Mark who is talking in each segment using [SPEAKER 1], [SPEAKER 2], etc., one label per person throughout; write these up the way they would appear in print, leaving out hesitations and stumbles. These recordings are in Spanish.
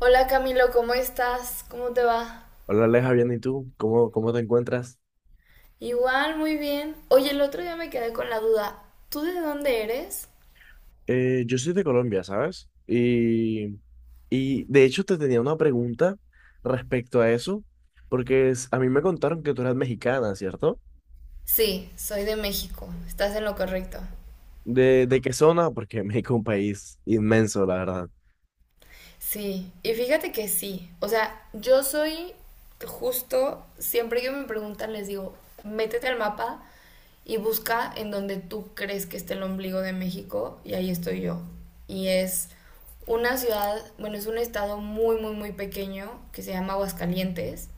[SPEAKER 1] Hola Camilo, ¿cómo estás? ¿Cómo te va?
[SPEAKER 2] Hola Aleja, bien, ¿y tú? ¿Cómo te encuentras?
[SPEAKER 1] Igual, muy bien. Oye, el otro día me quedé con la duda. ¿Tú de dónde eres?
[SPEAKER 2] Yo soy de Colombia, ¿sabes? Y de hecho te tenía una pregunta respecto a eso, porque a mí me contaron que tú eras mexicana, ¿cierto?
[SPEAKER 1] Sí, soy de México. Estás en lo correcto.
[SPEAKER 2] ¿De qué zona? Porque México es un país inmenso, la verdad.
[SPEAKER 1] Sí, y fíjate que sí. O sea, yo soy justo, siempre que me preguntan les digo, métete al mapa y busca en donde tú crees que está el ombligo de México y ahí estoy yo. Y es una ciudad, bueno, es un estado muy, muy, muy pequeño que se llama Aguascalientes.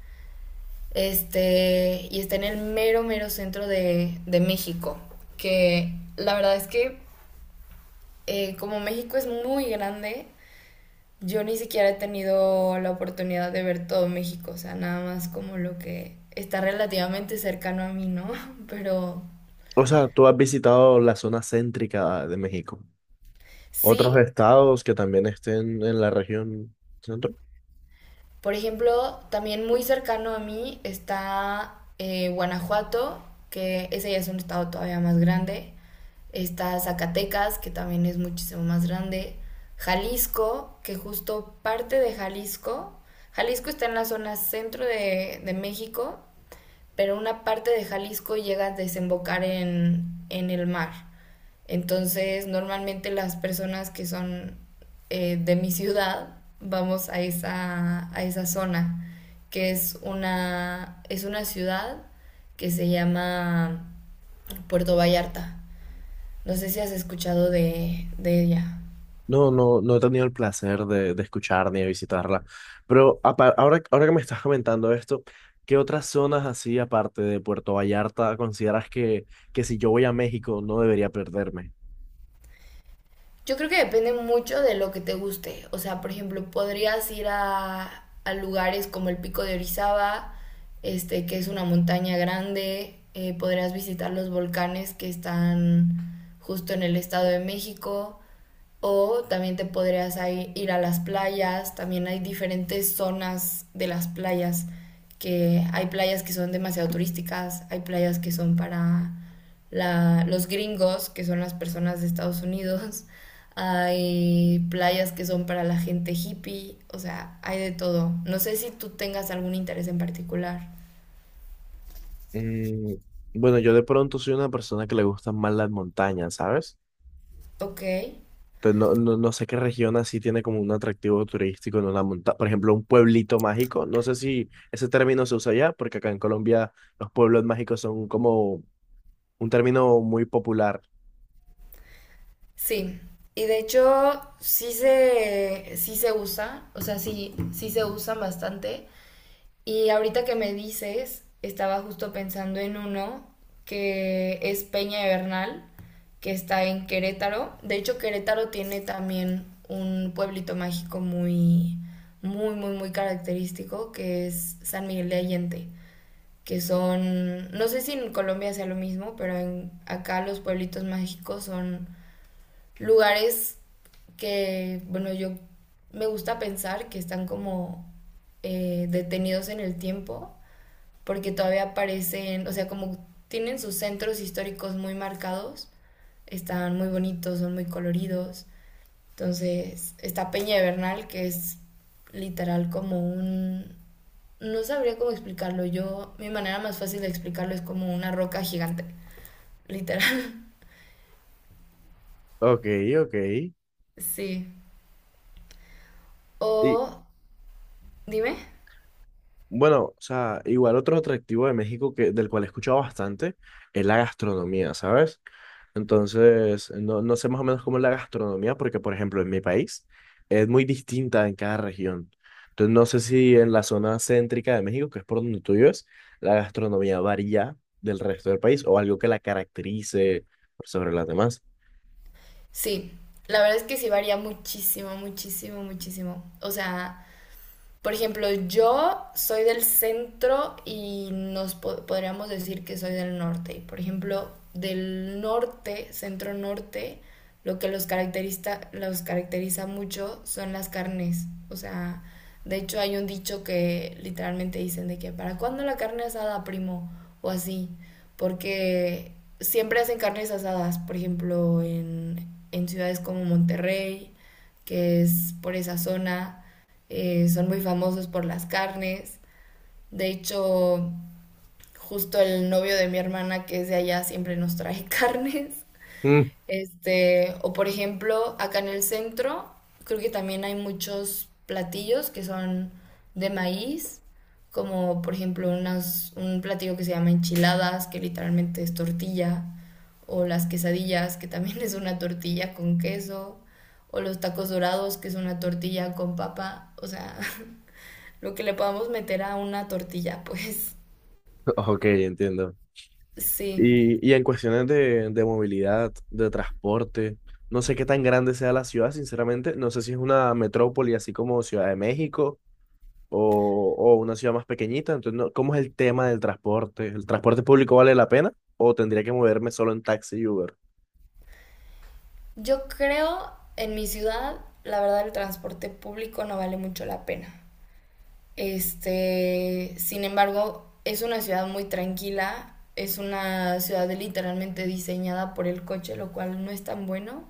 [SPEAKER 1] Este, y está en el mero, mero centro de México. Que la verdad es que, como México es muy grande, yo ni siquiera he tenido la oportunidad de ver todo México. O sea, nada más como lo que está relativamente cercano a mí, ¿no? Pero
[SPEAKER 2] O sea, ¿tú has visitado la zona céntrica de México? ¿Otros
[SPEAKER 1] sí.
[SPEAKER 2] estados que también estén en la región?
[SPEAKER 1] Por ejemplo, también muy cercano a mí está Guanajuato, que ese ya es un estado todavía más grande. Está Zacatecas, que también es muchísimo más grande. Jalisco, que justo parte de Jalisco. Jalisco está en la zona centro de México, pero una parte de Jalisco llega a desembocar en el mar. Entonces, normalmente las personas que son de mi ciudad vamos a esa zona, que es una ciudad que se llama Puerto Vallarta. No sé si has escuchado de ella.
[SPEAKER 2] No, no, no he tenido el placer de escuchar ni de visitarla. Pero ahora que me estás comentando esto, ¿qué otras zonas así, aparte de Puerto Vallarta, consideras que si yo voy a México no debería perderme?
[SPEAKER 1] Yo creo que depende mucho de lo que te guste. O sea, por ejemplo, podrías ir a lugares como el Pico de Orizaba, este, que es una montaña grande. Podrías visitar los volcanes que están justo en el Estado de México. O también te podrías ir a las playas, también hay diferentes zonas de las playas, que hay playas que son demasiado turísticas, hay playas que son para los gringos, que son las personas de Estados Unidos, hay playas que son para la gente hippie, o sea, hay de todo. No sé si tú tengas algún interés en particular.
[SPEAKER 2] Mm, bueno, yo de pronto soy una persona que le gustan más las montañas, ¿sabes?
[SPEAKER 1] Ok,
[SPEAKER 2] Entonces, no, no, no sé qué región así tiene como un atractivo turístico en una montaña. Por ejemplo, un pueblito mágico. No sé si ese término se usa allá, porque acá en Colombia los pueblos mágicos son como un término muy popular.
[SPEAKER 1] sí. Y de hecho, sí se usa, o sea, sí, sí se usan bastante. Y ahorita que me dices, estaba justo pensando en uno que es Peña de Bernal, que está en Querétaro. De hecho, Querétaro tiene también un pueblito mágico muy, muy, muy, muy característico, que es San Miguel de Allende, que son, no sé si en Colombia sea lo mismo, pero acá los pueblitos mágicos son lugares que, bueno, yo me gusta pensar que están como detenidos en el tiempo porque todavía aparecen, o sea, como tienen sus centros históricos muy marcados, están muy bonitos, son muy coloridos. Entonces, está Peña de Bernal, que es literal como un... No sabría cómo explicarlo. Yo, mi manera más fácil de explicarlo es como una roca gigante. Literal.
[SPEAKER 2] Ok, ok.
[SPEAKER 1] Sí.
[SPEAKER 2] Y
[SPEAKER 1] O... Dime.
[SPEAKER 2] bueno, o sea, igual otro atractivo de México, que, del cual he escuchado bastante, es la gastronomía, ¿sabes? Entonces, no, no sé más o menos cómo es la gastronomía, porque por ejemplo en mi país es muy distinta en cada región. Entonces, no sé si en la zona céntrica de México, que es por donde tú vives, la gastronomía varía del resto del país o algo que la caracterice por sobre las demás.
[SPEAKER 1] Sí. La verdad es que sí varía muchísimo, muchísimo, muchísimo. O sea, por ejemplo, yo soy del centro y podríamos decir que soy del norte. Y, por ejemplo, del norte, centro norte, lo que los caracteriza mucho son las carnes. O sea, de hecho hay un dicho que literalmente dicen de que ¿para cuándo la carne asada, primo? O así. Porque siempre hacen carnes asadas, por ejemplo, en ciudades como Monterrey, que es por esa zona. Son muy famosos por las carnes. De hecho, justo el novio de mi hermana que es de allá siempre nos trae carnes.
[SPEAKER 2] Mm,
[SPEAKER 1] Este, o por ejemplo, acá en el centro, creo que también hay muchos platillos que son de maíz, como por ejemplo un platillo que se llama enchiladas, que literalmente es tortilla, o las quesadillas, que también es una tortilla con queso, o los tacos dorados, que es una tortilla con papa, o sea, lo que le podamos meter a una tortilla, pues
[SPEAKER 2] ok, entiendo.
[SPEAKER 1] sí.
[SPEAKER 2] Y en cuestiones de movilidad, de transporte, no sé qué tan grande sea la ciudad. Sinceramente, no sé si es una metrópoli así como Ciudad de México o una ciudad más pequeñita. Entonces, no- ¿cómo es el tema del transporte? ¿El transporte público vale la pena o tendría que moverme solo en taxi y Uber?
[SPEAKER 1] Yo creo en mi ciudad, la verdad, el transporte público no vale mucho la pena. Este, sin embargo, es una ciudad muy tranquila, es una ciudad literalmente diseñada por el coche, lo cual no es tan bueno.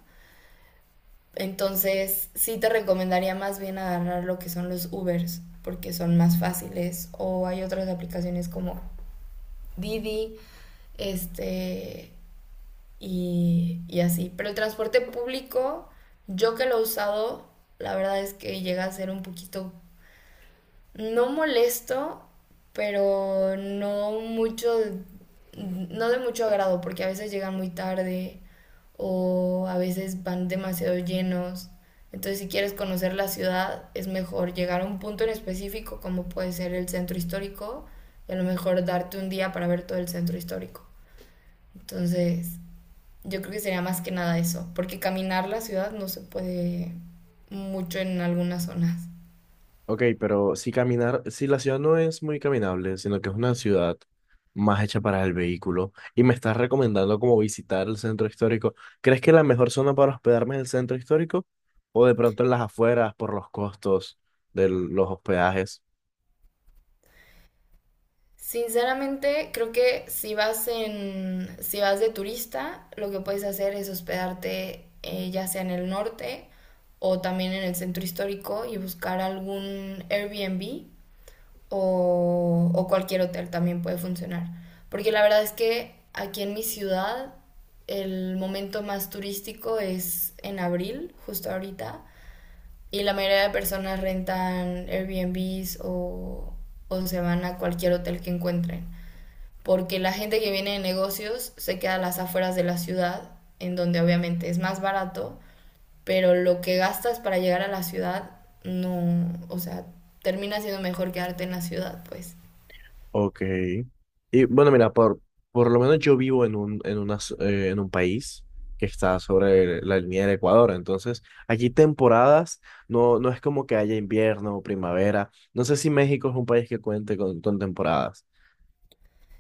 [SPEAKER 1] Entonces, sí te recomendaría más bien agarrar lo que son los Ubers, porque son más fáciles. O hay otras aplicaciones como Didi, este, y así. Pero el transporte público, yo que lo he usado, la verdad es que llega a ser un poquito, no molesto, pero no mucho, no de mucho agrado, porque a veces llegan muy tarde o a veces van demasiado llenos. Entonces, si quieres conocer la ciudad, es mejor llegar a un punto en específico, como puede ser el centro histórico, y a lo mejor darte un día para ver todo el centro histórico. Entonces, yo creo que sería más que nada eso, porque caminar la ciudad no se puede mucho en algunas zonas.
[SPEAKER 2] Ok, pero si caminar, si la ciudad no es muy caminable, sino que es una ciudad más hecha para el vehículo, y me estás recomendando como visitar el centro histórico, ¿crees que la mejor zona para hospedarme es el centro histórico? ¿O de pronto en las afueras por los costos de los hospedajes?
[SPEAKER 1] Sinceramente, creo que si vas de turista, lo que puedes hacer es hospedarte ya sea en el norte o también en el centro histórico y buscar algún Airbnb o cualquier hotel también puede funcionar. Porque la verdad es que aquí en mi ciudad el momento más turístico es en abril, justo ahorita. Y la mayoría de personas rentan Airbnbs o se van a cualquier hotel que encuentren. Porque la gente que viene de negocios se queda a las afueras de la ciudad, en donde obviamente es más barato, pero lo que gastas para llegar a la ciudad no, o sea, termina siendo mejor quedarte en la ciudad, pues.
[SPEAKER 2] Ok. Y bueno, mira, por lo menos yo vivo en un, en una en un país que está sobre la línea del Ecuador. Entonces, aquí temporadas no, no es como que haya invierno o primavera. No sé si México es un país que cuente con temporadas.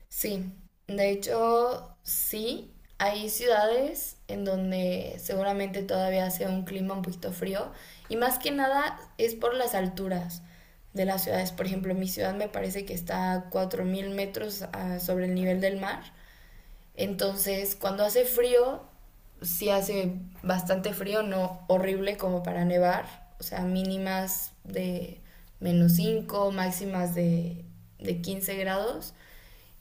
[SPEAKER 1] Sí, de hecho, sí, hay ciudades en donde seguramente todavía hace un clima un poquito frío y más que nada es por las alturas de las ciudades. Por ejemplo, mi ciudad me parece que está a 4000 metros sobre el nivel del mar, entonces cuando hace frío, sí hace bastante frío, no horrible como para nevar, o sea, mínimas de -5, máximas de 15 grados.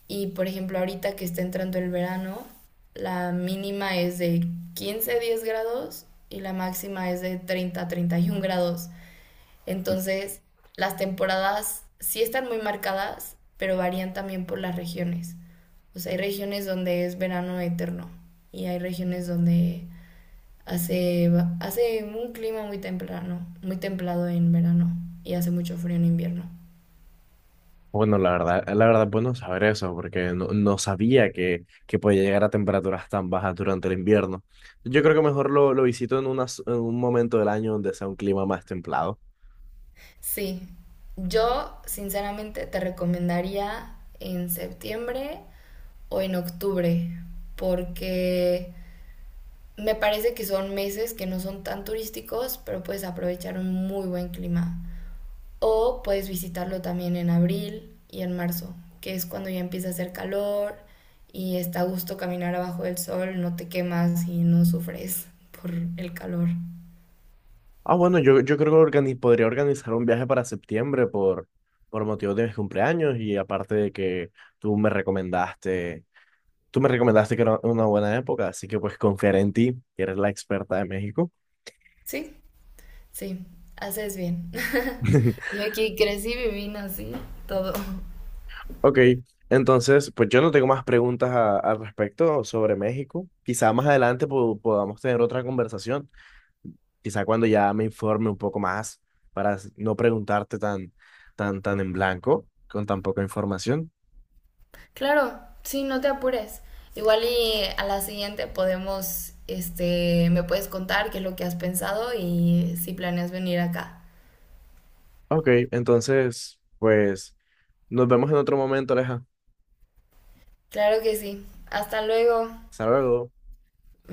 [SPEAKER 1] Y por ejemplo, ahorita que está entrando el verano, la mínima es de 15 a 10 grados y la máxima es de 30 a 31 grados. Entonces, las temporadas sí están muy marcadas, pero varían también por las regiones. O sea, hay regiones donde es verano eterno y hay regiones donde hace, hace un clima muy temprano, muy templado en verano y hace mucho frío en invierno.
[SPEAKER 2] Bueno, la verdad, bueno saber eso, porque no, no sabía que podía llegar a temperaturas tan bajas durante el invierno. Yo creo que mejor lo visito en, en un momento del año donde sea un clima más templado.
[SPEAKER 1] Sí, yo sinceramente te recomendaría en septiembre o en octubre, porque me parece que son meses que no son tan turísticos, pero puedes aprovechar un muy buen clima. O puedes visitarlo también en abril y en marzo, que es cuando ya empieza a hacer calor y está a gusto caminar abajo del sol, no te quemas y no sufres por el calor.
[SPEAKER 2] Ah, bueno, yo creo que podría organizar un viaje para septiembre por motivo de mis cumpleaños. Y aparte de que tú me recomendaste, tú me recomendaste que era una buena época, así que pues confiaré en ti, que eres la experta de México.
[SPEAKER 1] Sí, sí, haces bien. Yo aquí crecí, viví, nací, todo.
[SPEAKER 2] Ok, entonces pues yo no tengo más preguntas al respecto sobre México. Quizá más adelante podamos tener otra conversación, quizá cuando ya me informe un poco más para no preguntarte tan en blanco, con tan poca información.
[SPEAKER 1] Claro, sí, no te apures. Igual y a la siguiente podemos, este, me puedes contar qué es lo que has pensado y si planeas venir acá.
[SPEAKER 2] Ok, entonces, pues nos vemos en otro momento, Aleja.
[SPEAKER 1] Claro que sí. Hasta luego.
[SPEAKER 2] Hasta luego.
[SPEAKER 1] Bye.